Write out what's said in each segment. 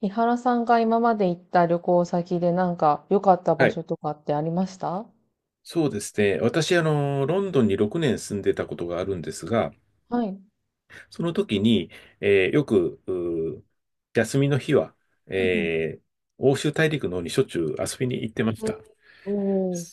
伊原さんが今まで行った旅行先でなんか良かったは場い。所とかってありました？そうですね。私、ロンドンに6年住んでたことがあるんですが、はい。うんその時に、よく、休みの日は、うえー欧州大陸の方にしょっちゅう遊びに行ってましんた。おー、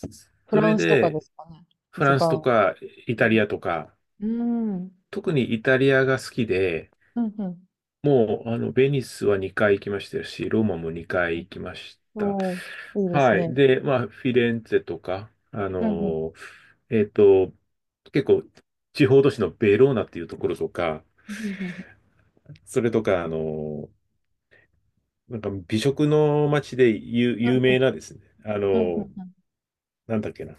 フそラれンスとかでで、すかね。フ一ランスと番。かイタリアとか、うん。うん。特にイタリアが好きで、うんうんもう、ベニスは2回行きましたし、ローマも2回行きましうんた。おー、いいですはね。い。で、まあ、フィレンツェとか、うんうん。えっと、結構、地方都市のベローナっていうところとか、うんうんうんそれとか、なんか美食の街で有名なですね、うんうんうんなんだっけな、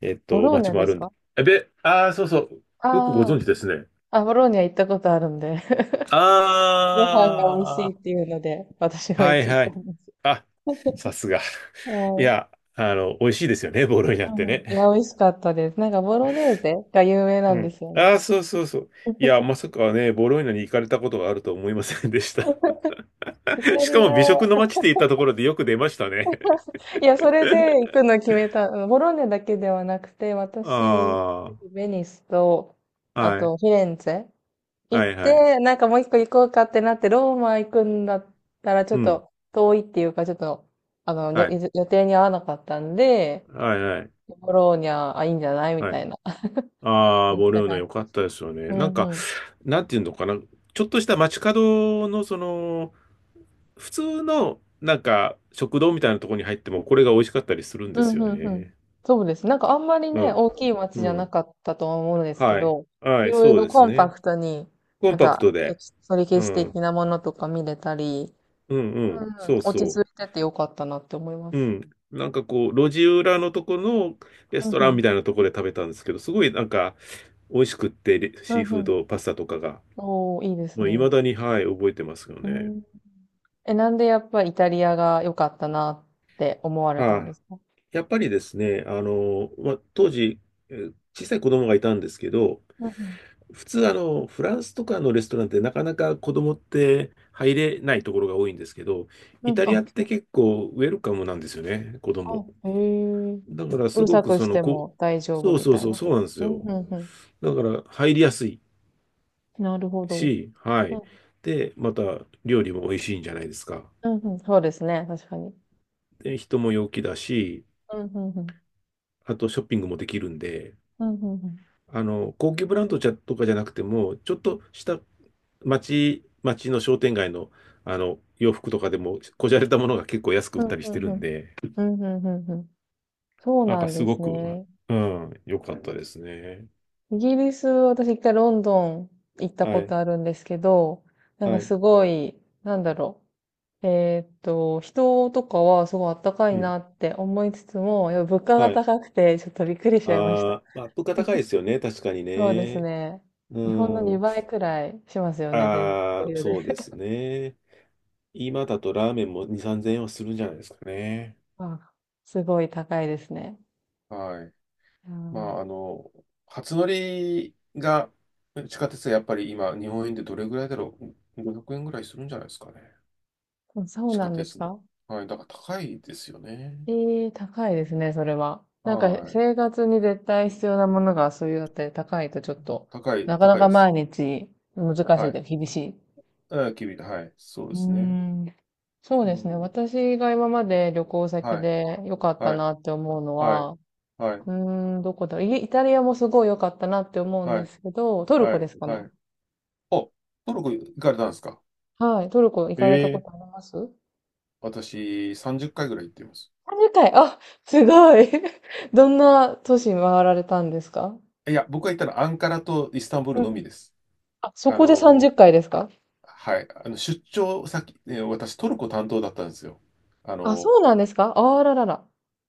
ボローニ街ャもであするんで、か？ああ、そうそう、よくごああー、存知ですね。あ、ボローニャ行ったことあるんで。ご飯が美味しあいってあ、いうので、私もは行いきはたい。んです。あ、さすが。いはい。や、美味しいですよね、ボロイナうってんうん、ね。いや、美味しかったです。なんかボロネーゼが有名なうんでん。すよあね。あ、そうそうそう。いや、まさかね、ボロイナに行かれたことがあるとは思いませんでした。イタ リしかも美食のア、街って言ったところでよく出ましたね。いや、それで行くの決めた。ボローニャだけではなくて、私はあベニスと、あ、あはい、とフィレンツェ行っはい、はい。て、なんかもう一個行こうかってなって、ローマ行くんだったらちょうっん、と遠いっていうか、ちょっと、あの、よはい、予定に合わなかったんで、はい、はい、ボローニャ、あ、いいんじゃないみはたい。いな、ああ、なっボたロイナ感良じかでっしたた。ですよね。うなんんか、うんなんていうのかな。ちょっとした街角の、普通の、なんか、食堂みたいなところに入っても、これが美味しかったりするんでうすん、ようんうん。ね。そうです。なんかあんまりうね、ん。大きい街うじゃなん。かったとは思うんですけはい。ど、はいい、ろいそうろですコンパね。クトに、コなンんパクか、トエで。キそれ歴う史ん。的なものとか見れたり、うんううん、うん。ん、そう落そちう。着いててよかったなって思いまうす。ん。なんかこう、路地裏のとこのレうスんトうランん。みたいなところで食べたんですけど、すごいなんか、美味しくって、レうシーんフうーん。ド、パスタとかが。おー、いいですもうね。未だに、はい、覚えてますようね。ん。え、なんでやっぱイタリアが良かったなって思われたんはですか？い。やっぱりですね、まあ、当時、小さい子供がいたんですけど、うん普通、フランスとかのレストランってなかなか子供って入れないところが多いんですけど、うん。イうん、タリアあ、っそてう、結構ウェルカムなんですよね、子あ、供。へえ。だからうするごさくくしても大丈夫そうみそたういそう、なそこうと。なんですうんよ。うんうだから入りやすいん。なるほど。し、はい。で、また料理も美味しいんじゃないですか。うん、うん、そうですね、確かに。で、人も陽気だし、うん、うんうん。あとショッピングもできるんで、うん、うんうん。高級ブランドじゃとかじゃなくても、ちょっとした町の商店街の、洋服とかでも、こじゃれたものが結構安く売うったん、りしうてんるうんん。で、うん、んうんうん。そうなんなかんすでごすく、ね。うん、良かったですね。イギリス、私一回ロンドン行ったこはい、とあるんですけど、なんはかい、すごい、なんだろう。人とかはすごいあったかいうん、なって思いつつも、やっぱ物価がはい。高くてちょっとびっくりしちゃいました。あアップが高いです よね、確かにそうですね。ね。う日本のん、2倍くらいしますよね、全然あ余あ、裕そうでで。すね。今だとラーメンも2、3000円はするんじゃないですかね。あ、すごい高いですね。はい。うまんあ、初乗りが地下鉄はやっぱり今、日本円でどれぐらいだろう？ 500 円ぐらいするんじゃないですかね。うん、そう地な下んです鉄の。か？はい。だから高いですよね。ええ、高いですね、それは。なんかはい。生活に絶対必要なものがそういうのって高いとちょっと、なかな高いかで毎す。日難しはいい。と厳しい。あ、君はい。そううでーすね。ん。そううですね。ん。私が今まで旅行先はい。で良かったはい。なって思うのはい。は、うはい。ーん、どこだろう。タリアもすごい良かったなって思うんはでい。すけど、トルはコでい。すかはね。い。お、トルコ行かれたんですか？はい。トルコ行かえれたこえ、とあります？私、30回ぐらい行ってます。あ、回。あ、すごい。どんな都市回られたんですか？いや、僕が行ったのはアンカラとイスタンブールうのみん、です。あ、そあこで30の、回ですか？はい。出張先、私、トルコ担当だったんですよ。ああ、の、そうなんですか、あららら。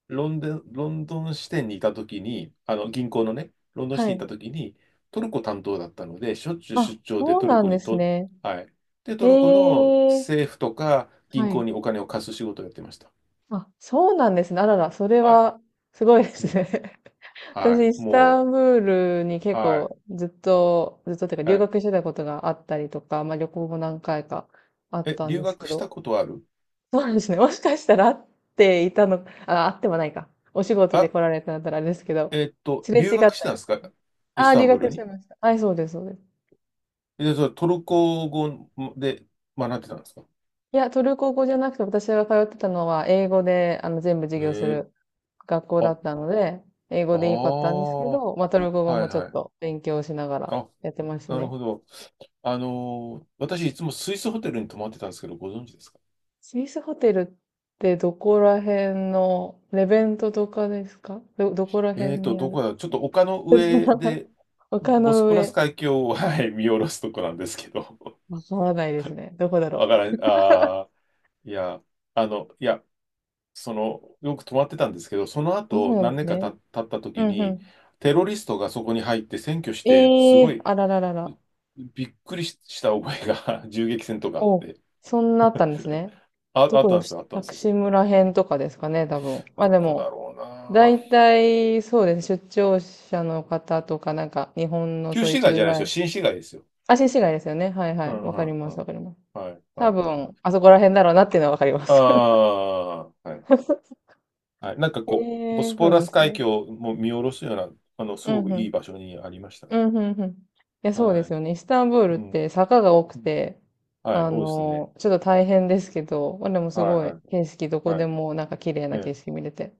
ロンドン支店にいたときに、あの銀行のね、ロンドン支は店にいい。たときに、トルコ担当だったので、しょっちゅうあ、出張でそうトルなんコでにすと、ね。はい。で、えトルコのえ、政府とかは銀行い。にお金を貸す仕事をやってました。あ、そうなんですね。あらら、それはい。は、すごいでうすん。ね。は私、い。イスタもンブールにう、結はい。構、ずっとっていうか、は留い。学してたことがあったりとか、まあ旅行も何回かあっえ、たん留です学けしど、たことある？そうなんですね。もしかしたら会っていたの、あ、会ってもないか。お仕事であ、来られたんだったらあれですけど、すれ違っ留たりし学してたんですた。か？イあスあ、タ留ンブール学してに。ました。はい、そうです、そうです。え、それトルコ語で学んでたんですか？いや、トルコ語じゃなくて、私が通ってたのは、英語で、全部授え業すー、る学校だあ、ったので、英あ語で良かったんですけあ、はど、まあ、トルコ語もいちょはっい。と勉強しながらあ、やってましたなるね。ほど。私いつもスイスホテルに泊まってたんですけど、ご存知ですか？スイスホテルってどこら辺の、レベントとかですか、ど、どこら辺にあどるこだちょっと丘の別の上名前？ で、丘ボスのポラス上。海峡を、はい、見下ろすとこなんですけど。わからないですね。どこだ ろう。わかあ、らん、ああ、いや、いや、よく泊まってたんですけど、そのそう後、なん何で年すかね。経ったう時んうに、ん。テロリストがそこに入って占拠して、すえごえーい、あらららら。びっくりしした覚えが 銃撃戦とかあっお、て、そんなあったんですね。あ、どあっこたんでですしよ、あったんで薬す師よ。村編とかですかね、多分。まあどでこだも、ろうな。大体、そうですね。出張者の方とか、なんか、日本の旧そういう市街駐じゃないですよ。在。新市街ですよ。あ、新市街ですよね。はいはうい。んうわかりんうます、わん。かります。はい、多はい。分、あそこら辺だろうなっていうのはわかりまあす。あ、はい。はい。なんかえこう、ボえスーそうポなラんスです海ね。峡も見下ろすような、すうごんくういん。い場所にありましたね。うん、うん、うん。いや、そうではすい。よね。イスタンブールっうん。て坂が多くうん、て、はい、多いですね。ちょっと大変ですけど、まあ、でもすはい、ごはいい、景色、どこはでい。もなんか綺麗えな景え。色見れて。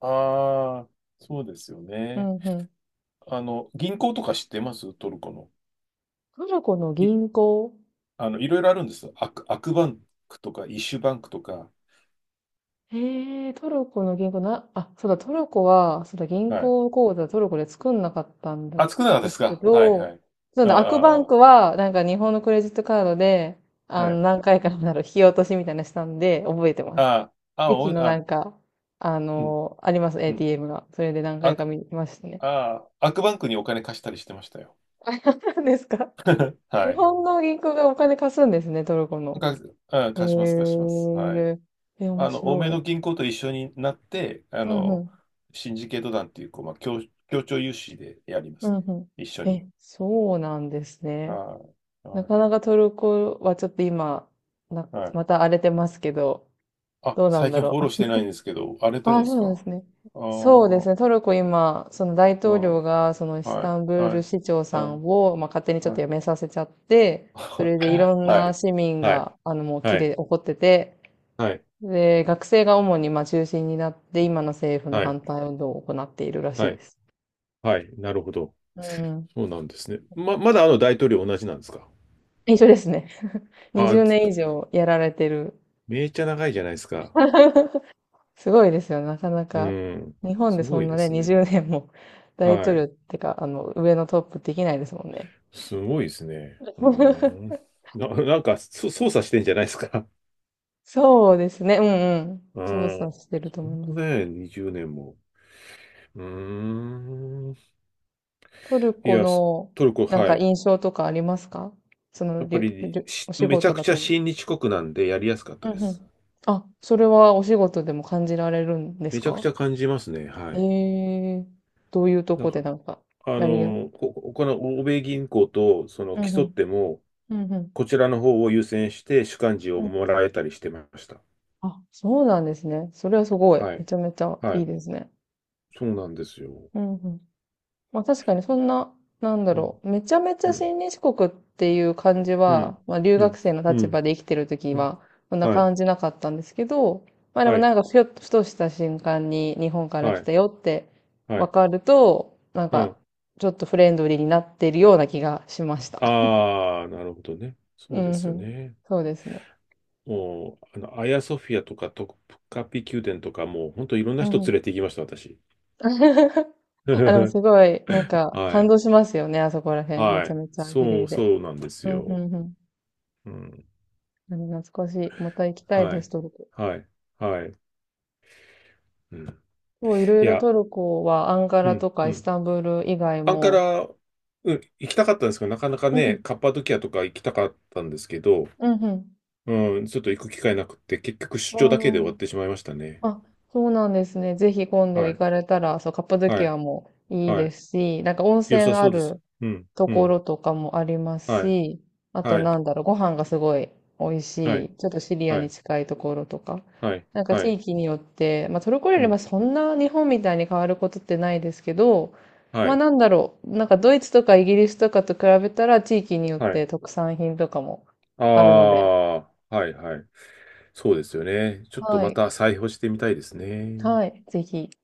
ああ、そうですようね。ん、うん。銀行とか知ってますトルコの。トルコのい、銀行？いろいろあるんですよ。アクバンクとか、イッシュバンクとか。へえ、トルコの銀行な、あ、そうだ、トルコは、そうだ、銀はい。行口座トルコで作んなかったんだ、あ、少なかったでですすけか？はい、はど、い。そうあだ、アクバンあ、クあは、なんか日本のクレジットカードで、あ、はい。何回かなる引き落としみたいなのしたんで、覚えてます。ああ、あ、駅おい、のなあ、んか、うん、あります、うん。ATM が。それで何回あ、か見ましたね。アクバンクにお金貸したりしてましたよ。何ですか？は日い。本の銀行がお金貸すんですね、トルコの。か、うん、へ貸します、貸します。はい。え、え、面欧米白のい。銀行と一緒になって、うんうん。シンジケート団っていう、こう、まあ、協調融資でやりまうすんね。う一緒ん。に。え、そうなんですね。はい。なはかない。かトルコはちょっと今、な、はい。また荒れてますけど、あ、どうなん最だ近フろォう。ローしてないん ですけど、荒れてあるんあ、でそすうなんでか？すね。ああそうですー、ね。トルコ今、その大う統領ん。が、そのイスはい。タンブーはルい。市長さはい。んを、まあ、勝手にちょっはと辞めい。させちゃって、それでいはろんない。市民はい。が、もう起きはい。でこってて、はい。で、学生が主に、まあ、中心になって、今の政府のはい。反対運動を行っているらしはいでい。す。はい、なるほど。うん。そうなんですね。まだあの大統領同じなんですか？一緒ですね。20あ、年以上やられてる。めっちゃ長いじゃないですか。すごいですよね、なかなうか。ん。日本すでそごんいなでね、すね。20年も 大は統領い。ってか、上のトップできないですもんね。すごいですね。う ん。なんか、操作してんじゃないですか。そうですね、うんうん。う操作ん。してると思いまそんなす。ね、20年も。うーん。トルいコや、の、トルコ、なんはかい。印象とかありますか？その、やっりぱゅ、りりゅ、お仕めちゃ事くだちとゃ思う。親日国なんでやりやすかったうでんうす。ん。あ、それはお仕事でも感じられるんですめちゃくちか？ゃ感じますね。はえい。えー、どういうとなんこでか、なんか、やりや、この欧米銀行とそのうんう競っん、ても、うんうん、こちらの方を優先して主幹事をもらえたりしてました。あ、そうなんですね。それはすごい。はめい。ちゃめちゃはいいい。ですね。そうなんですよ。うんうん。まあ確かにそんな、なんだうん。ろう。めちゃめちうゃん。親日国っていう感じうは、ん。まあ留う学ん。生のう立場ん。で生きてる時うん、は、そんなはい。感じなかったんですけど、まあでもはい。なんかふよっとふとした瞬間に日本からは来い。たよってはわい。かると、なんうかん。ちょっとフレンドリーになってるような気がしました。ああ、なるほどね。うそうでんすうよん。ね。そうですね。もう、アヤソフィアとかトカピ宮殿とか、もう本当いろんなうん人う連ん。れて行きました、私。あ、でもはすごい、なんか、感い。動しますよね、あそこら辺。めはちゃい。めちゃ綺そ麗う、で。そうなんですうん、うよ。ん、うん。うん。でも懐かしい。また行きたいはです、い。トルコ。はい。はい。うん。そう、いろいいろや、トルコは、アンカうラん。とかうイスん。タンブール以外アンカも。ラ、うん、行きたかったんですけど、なかなかうん、うね、ん、カッパドキアとか行きたかったんですけど、うんうん。うん、ちょっと行く機会なくて、結局出あ張だけで終わっー、てしまいましたね。あ、そうなんですね。ぜひ今度は行い、かれたら、そう、カッパドはキい、アもいいはでい。すし、なんか温良泉さあそうです。るうん、とうこん、ろとかもありますはい、し、あとはい、なんだろう、ご飯がすごい美味はしい、い、ちょっとシリアはにい、近いところとか、はい、なんかは地い、域によって、まあトルコ料う理はん、そんな日本みたいに変わることってないですけど、はまあい、なんだろう、なんかドイツとかイギリスとかと比べたら地域によっはい。て特産品とかもああるので、あ、はい、はい。そうですよね。ちょっとはまい、た再訪してみたいですね。はい、ぜひ。